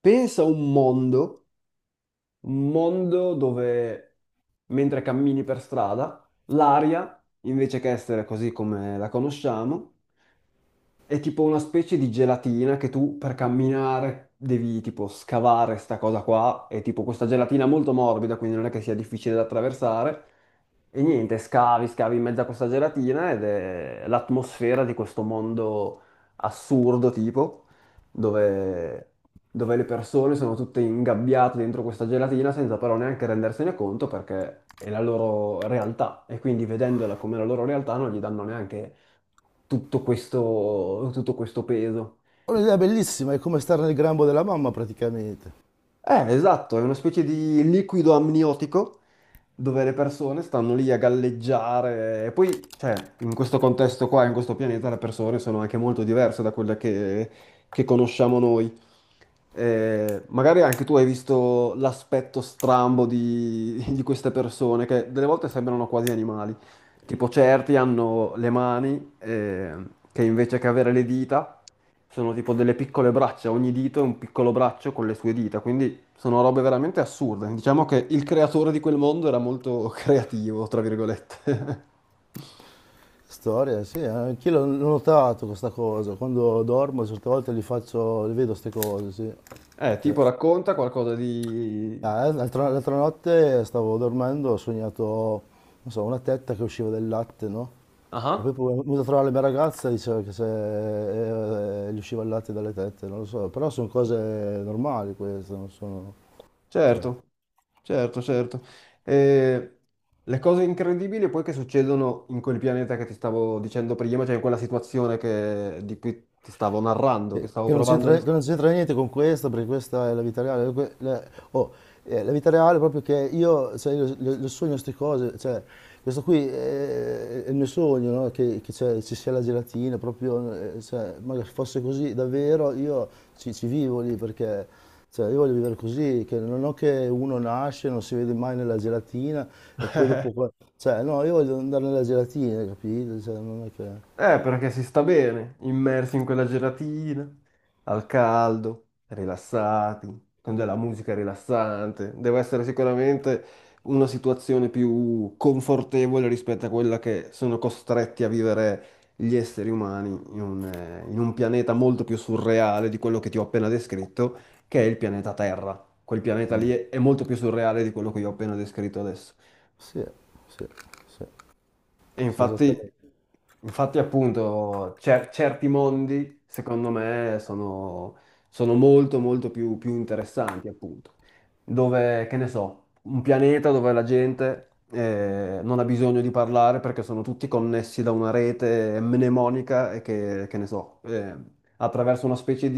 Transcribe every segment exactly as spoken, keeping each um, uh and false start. Pensa a un mondo, un mondo dove mentre cammini per strada, l'aria, invece che essere così come la conosciamo, è tipo una specie di gelatina che tu per camminare devi tipo scavare sta cosa qua. È tipo questa gelatina molto morbida, quindi non è che sia difficile da attraversare. E niente, scavi, scavi in mezzo a questa gelatina ed è l'atmosfera di questo mondo assurdo tipo, dove, dove le persone sono tutte ingabbiate dentro questa gelatina senza però neanche rendersene conto perché è la loro realtà e quindi vedendola come la loro realtà non gli danno neanche tutto questo, tutto questo peso. È un'idea bellissima, è come stare nel grembo della mamma praticamente. Eh, esatto, è una specie di liquido amniotico dove le persone stanno lì a galleggiare e poi, cioè, in questo contesto qua, in questo pianeta, le persone sono anche molto diverse da quelle che, che conosciamo noi. Eh, magari anche tu hai visto l'aspetto strambo di, di queste persone che delle volte sembrano quasi animali. Tipo certi hanno le mani eh, che invece che avere le dita sono tipo delle piccole braccia, ogni dito è un piccolo braccio con le sue dita, quindi sono robe veramente assurde. Diciamo che il creatore di quel mondo era molto creativo, tra virgolette. Storia, sì, eh. anch'io l'ho l'ho notato questa cosa, quando dormo certe volte li faccio, li vedo queste cose, sì. Eh, Sì. tipo racconta qualcosa di... Ah, eh, l'altra l'altra notte stavo dormendo, ho sognato, non so, una tetta che usciva del latte, no? E poi Ah, poi mi sono venuto a trovare la mia ragazza e diceva che se, eh, eh, gli usciva il latte dalle tette, non lo so, però sono cose normali queste, non sono... sì. certo, certo, certo. E le cose incredibili poi che succedono in quel pianeta che ti stavo dicendo prima, cioè in quella situazione che- di cui ti stavo narrando, che Che stavo che non provando a... c'entra che non c'entra niente con questo, perché questa è la vita reale. que- la, oh, eh, la vita reale è proprio che io, cioè, io le, le sogno queste cose, cioè, questo qui eh, è il mio sogno, no? Che, che c'è- ci sia la gelatina, proprio, eh, cioè, ma che fosse così davvero, io ci, ci vivo lì, perché cioè, io voglio vivere così, che non ho che uno nasce, non si vede mai nella gelatina, e poi dopo... qua- Cioè, no, io voglio andare nella gelatina, capito? Cioè, non è che... Eh, perché si sta bene, immersi in quella gelatina, al caldo, rilassati, con della musica rilassante. Deve essere sicuramente una situazione più confortevole rispetto a quella che sono costretti a vivere gli esseri umani in un, eh, in un pianeta molto più surreale di quello che ti ho appena descritto, che è il pianeta Terra. Quel pianeta lì è è molto più surreale di quello che io ho appena descritto adesso. Sì, sì, sì, E sì, infatti, esattamente. infatti appunto, cer- certi mondi, secondo me, sono, sono molto, molto più, più interessanti, appunto. Dove, che ne so, un pianeta dove la gente eh, non ha bisogno di parlare perché sono tutti connessi da una rete mnemonica e che, che ne so, eh, attraverso una specie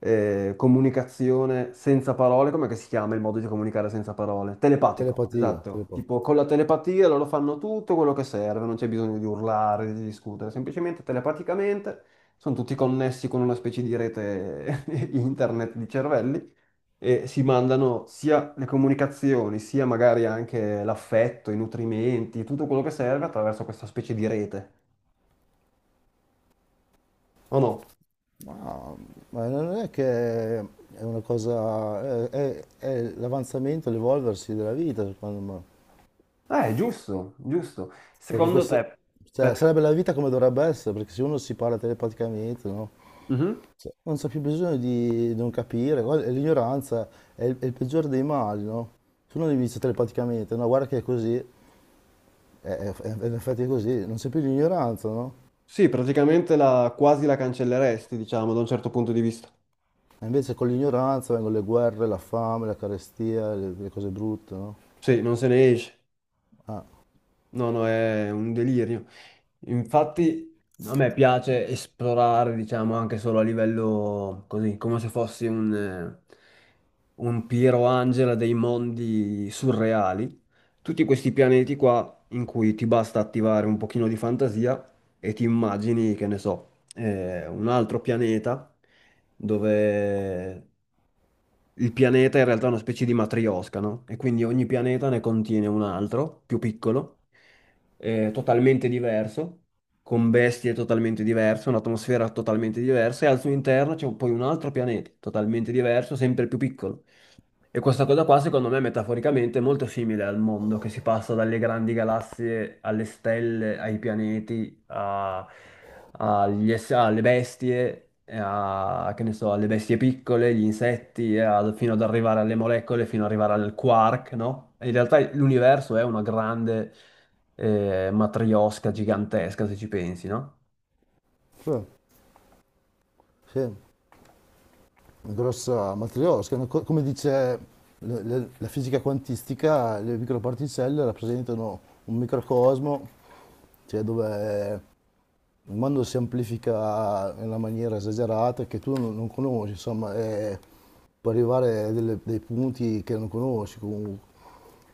eh, comunicazione senza parole, com'è che si chiama il modo di comunicare senza parole? Telepatico, Telepatia, esatto. telepa- Tipo con la telepatia loro fanno tutto quello che serve, non c'è bisogno di urlare, di discutere, semplicemente telepaticamente sono tutti connessi con una specie di rete internet di cervelli e si mandano sia le comunicazioni, sia magari anche l'affetto, i nutrimenti, tutto quello che serve attraverso questa specie di rete. O no? Ma, ma non è che è una cosa, è, è- è l'avanzamento, l'evolversi della vita, secondo me. Eh, giusto, giusto. Perché Secondo questo, te, cioè, per-... sarebbe la vita come dovrebbe essere, perché se uno si parla telepaticamente, no? Mhm. Non c'è più bisogno di non capire, guarda, l'ignoranza è il, è il peggiore dei mali, no? Se uno gli dice telepaticamente, no, guarda che è così, è, è- è- in effetti è così, non c'è più l'ignoranza, no? Sì, praticamente la, quasi la cancelleresti, diciamo, da un certo punto di vista. E invece con l'ignoranza vengono le guerre, la fame, la carestia, le, le cose brutte, no? Sì, non se ne esce. Ah. No, no, è un delirio. Infatti, a me piace esplorare, diciamo, anche solo a livello così, come se fossi un, eh, un Piero Angela dei mondi surreali. Tutti questi pianeti qua in cui ti basta attivare un pochino di fantasia e ti immagini, che ne so. Eh, un altro pianeta dove il pianeta in realtà è una specie di matriosca, no? E quindi ogni pianeta ne contiene un altro, più piccolo, eh, totalmente diverso, con bestie totalmente diverse, un'atmosfera totalmente diversa, e al suo interno c'è poi un altro pianeta totalmente diverso, sempre più piccolo. E questa cosa qua, secondo me, metaforicamente è molto simile al mondo che si passa dalle grandi galassie alle stelle, ai pianeti, a- agli ess- alle bestie, e a- che ne so, alle bestie piccole, gli insetti, e a- fino ad arrivare alle molecole, fino ad arrivare al quark, no? E in realtà l'universo è una grande eh, matriosca gigantesca, se ci pensi, no? Sì, sì, una grossa matriosca, una co- come dice le- le- la fisica quantistica, le microparticelle rappresentano un microcosmo, cioè dove il mondo si amplifica in una maniera esagerata che tu non, non conosci, insomma, e puoi arrivare a delle- dei punti che non conosci comunque.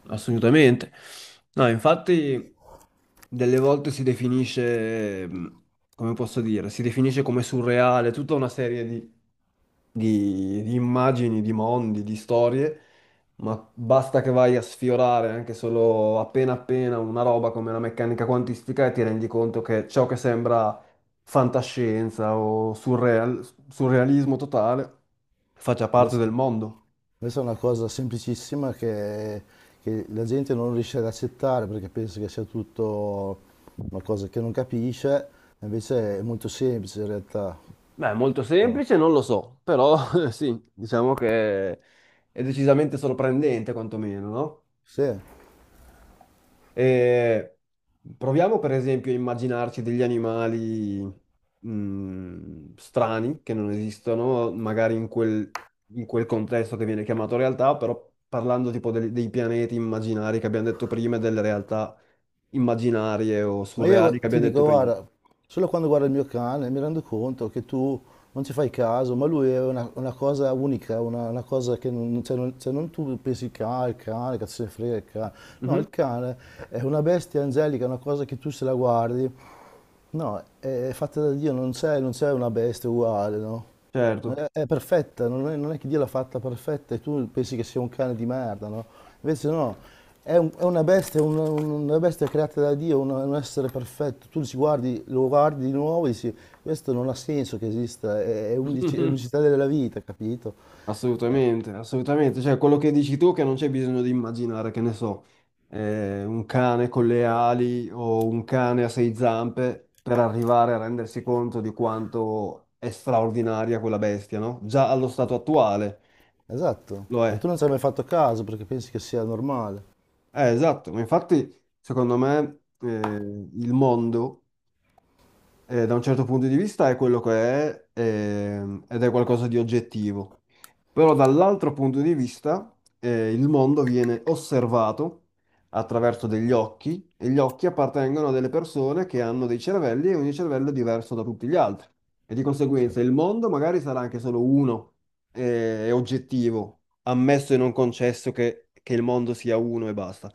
Assolutamente. No, infatti delle volte si definisce, mh, come posso dire, si definisce come surreale tutta una serie di, di- di immagini, di mondi, di storie, ma basta che vai a sfiorare anche solo appena appena una roba come la meccanica quantistica e ti rendi conto che ciò che sembra fantascienza o surreal- surrealismo totale faccia parte Invece del mondo. questa è una cosa semplicissima che, che la gente non riesce ad accettare perché pensa che sia tutto una cosa che non capisce, invece è molto semplice in realtà. Beh, molto Oh, semplice, non lo so, però sì, diciamo che è decisamente sorprendente quantomeno, no? sì, E proviamo per esempio a immaginarci degli animali mh, strani che non esistono, magari in quel, in quel contesto che viene chiamato realtà, però parlando tipo del- dei pianeti immaginari che abbiamo detto prima e delle realtà immaginarie o ma surreali io che ti abbiamo detto dico, prima. guarda, solo quando guardo il mio cane mi rendo conto che tu non ci fai caso, ma lui è una, una cosa unica, una, una cosa che non, cioè non, cioè non tu pensi, cane, il cane, cazzo se ne frega il cane. No, Mhm, il cane è una bestia angelica, è una cosa che tu se la guardi. No, è fatta da Dio, non c'è non c'è una bestia uguale, no? È certo. è perfetta, non è, non è che Dio l'ha fatta perfetta e tu pensi che sia un cane di merda, no? Invece no, è, un- è una bestia, un- un- una bestia creata da Dio, un, un essere perfetto. Tu ci guardi, lo guardi di nuovo e dici, questo non ha senso che esista, è, è unici- è l'unicità della vita, capito? Assolutamente, assolutamente. Cioè, quello che dici tu che non c'è bisogno di immaginare, che ne so, eh, un cane con le ali o un cane a sei zampe per arrivare a rendersi conto di quanto è straordinaria quella bestia, no? Già allo stato attuale Esatto. lo E è. tu non ci hai mai fatto caso perché pensi che sia normale. Eh, esatto, ma infatti, secondo me, eh, il mondo eh, da un certo punto di vista è quello che è, ehm, ed è qualcosa di oggettivo. Però dall'altro punto di vista, eh, il mondo viene osservato attraverso degli occhi e gli occhi appartengono a delle persone che hanno dei cervelli e ogni cervello è diverso da tutti gli altri. E di Sì, conseguenza il mondo magari sarà anche solo uno, eh, è oggettivo, ammesso e non concesso che che il mondo sia uno e basta.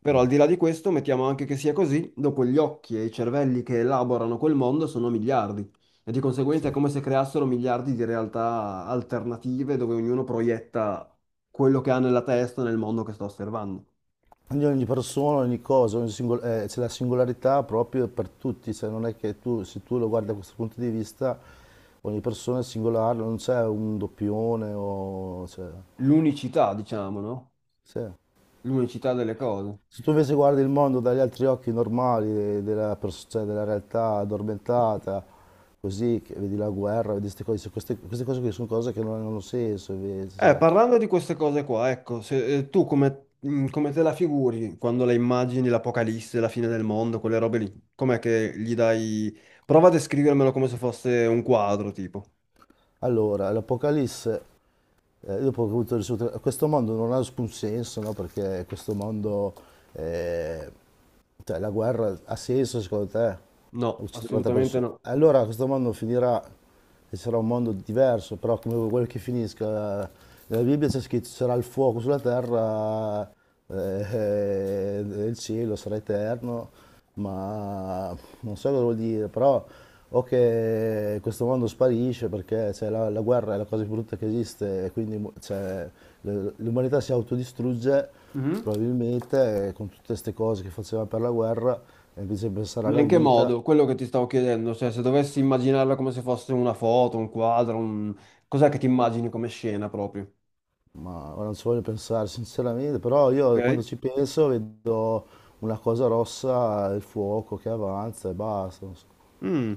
Però al no, di là di questo, mettiamo anche che sia così, dopo gli occhi e i cervelli che elaborano quel mondo sono miliardi e di conseguenza sì. è come se creassero miliardi di realtà alternative dove ognuno proietta quello che ha nella testa nel mondo che sta osservando. Ogni, ogni persona, ogni cosa, ogni singol- eh, c'è la singolarità proprio per tutti, cioè non è che tu, se tu lo guardi da questo punto di vista, ogni persona è singolare, non c'è un doppione o... cioè, L'unicità, diciamo, no? sì. L'unicità delle cose. Se tu invece guardi il mondo dagli altri occhi normali, de- della, pers- cioè, della realtà addormentata, così, che vedi la guerra, vedi queste cose, queste, queste cose che sono cose che non hanno senso invece. Eh, cioè. parlando di queste cose qua, ecco, se, eh, tu come, mm, come te la figuri quando le immagini l'apocalisse, la fine del mondo, quelle robe lì? Com'è che gli dai... Prova a descrivermelo come se fosse un quadro, tipo. Allora, l'Apocalisse eh, dopo che ho avuto il risultato, questo mondo non ha alcun senso, no? Perché questo mondo, eh, cioè la guerra ha senso secondo te? No, Uccidere un'altra assolutamente persona. no. Allora questo mondo finirà e sarà un mondo diverso, però come quello che finisca, nella Bibbia c'è scritto sarà il fuoco sulla terra eh, e il cielo sarà eterno, ma non so cosa vuol dire, però o che questo mondo sparisce perché cioè, la, la guerra è la cosa più brutta che esiste e quindi mu- cioè, l- l'umanità si autodistrugge Mhm. probabilmente eh, con tutte queste cose che faceva per la guerra e invece pensare Ma alla in che vita. modo? Quello che ti stavo chiedendo, cioè se dovessi immaginarla come se fosse una foto, un quadro, un... cos'è che ti immagini come scena proprio? Ma ora non ci voglio pensare sinceramente, però io quando Ok? ci penso vedo una cosa rossa, il fuoco che avanza e basta. Non so. Mm.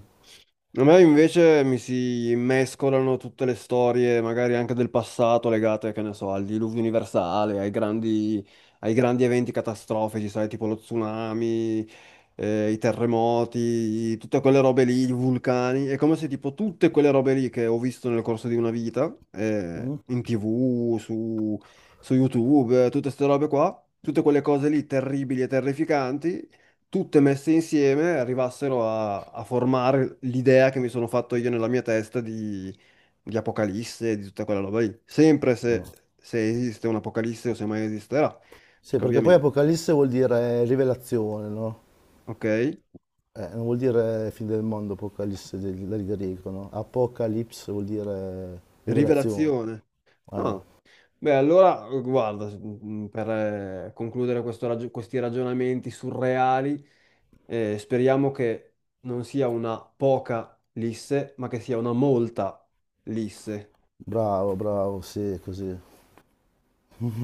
A me invece mi si mescolano tutte le storie, magari anche del passato, legate, che ne so, al diluvio universale, ai grandi, ai grandi eventi catastrofici, sai, tipo lo tsunami, eh, i terremoti, tutte quelle robe lì, i vulcani. È come se tipo tutte quelle robe lì che ho visto nel corso di una vita, eh, in T V, su, su YouTube, eh, tutte queste robe qua, tutte quelle cose lì terribili e terrificanti tutte messe insieme arrivassero a, a formare l'idea che mi sono fatto io nella mia testa di, di Apocalisse e di tutta quella roba lì. Sempre se, No. se esiste un Apocalisse o se mai esisterà, Sì, perché perché poi ovviamente, Apocalisse vuol dire rivelazione, no? ok? Eh, non vuol dire fine del mondo, Apocalisse del, del greco, no? Apocalypse vuol dire rivelazione. Rivelazione. Ah, Ah, beh, allora, guarda, s- mm, per eh, concludere questo ragio- questi ragionamenti surreali, eh, speriamo che non sia una poca lisse, ma che sia una molta lisse. bravo, bravo, sì, così.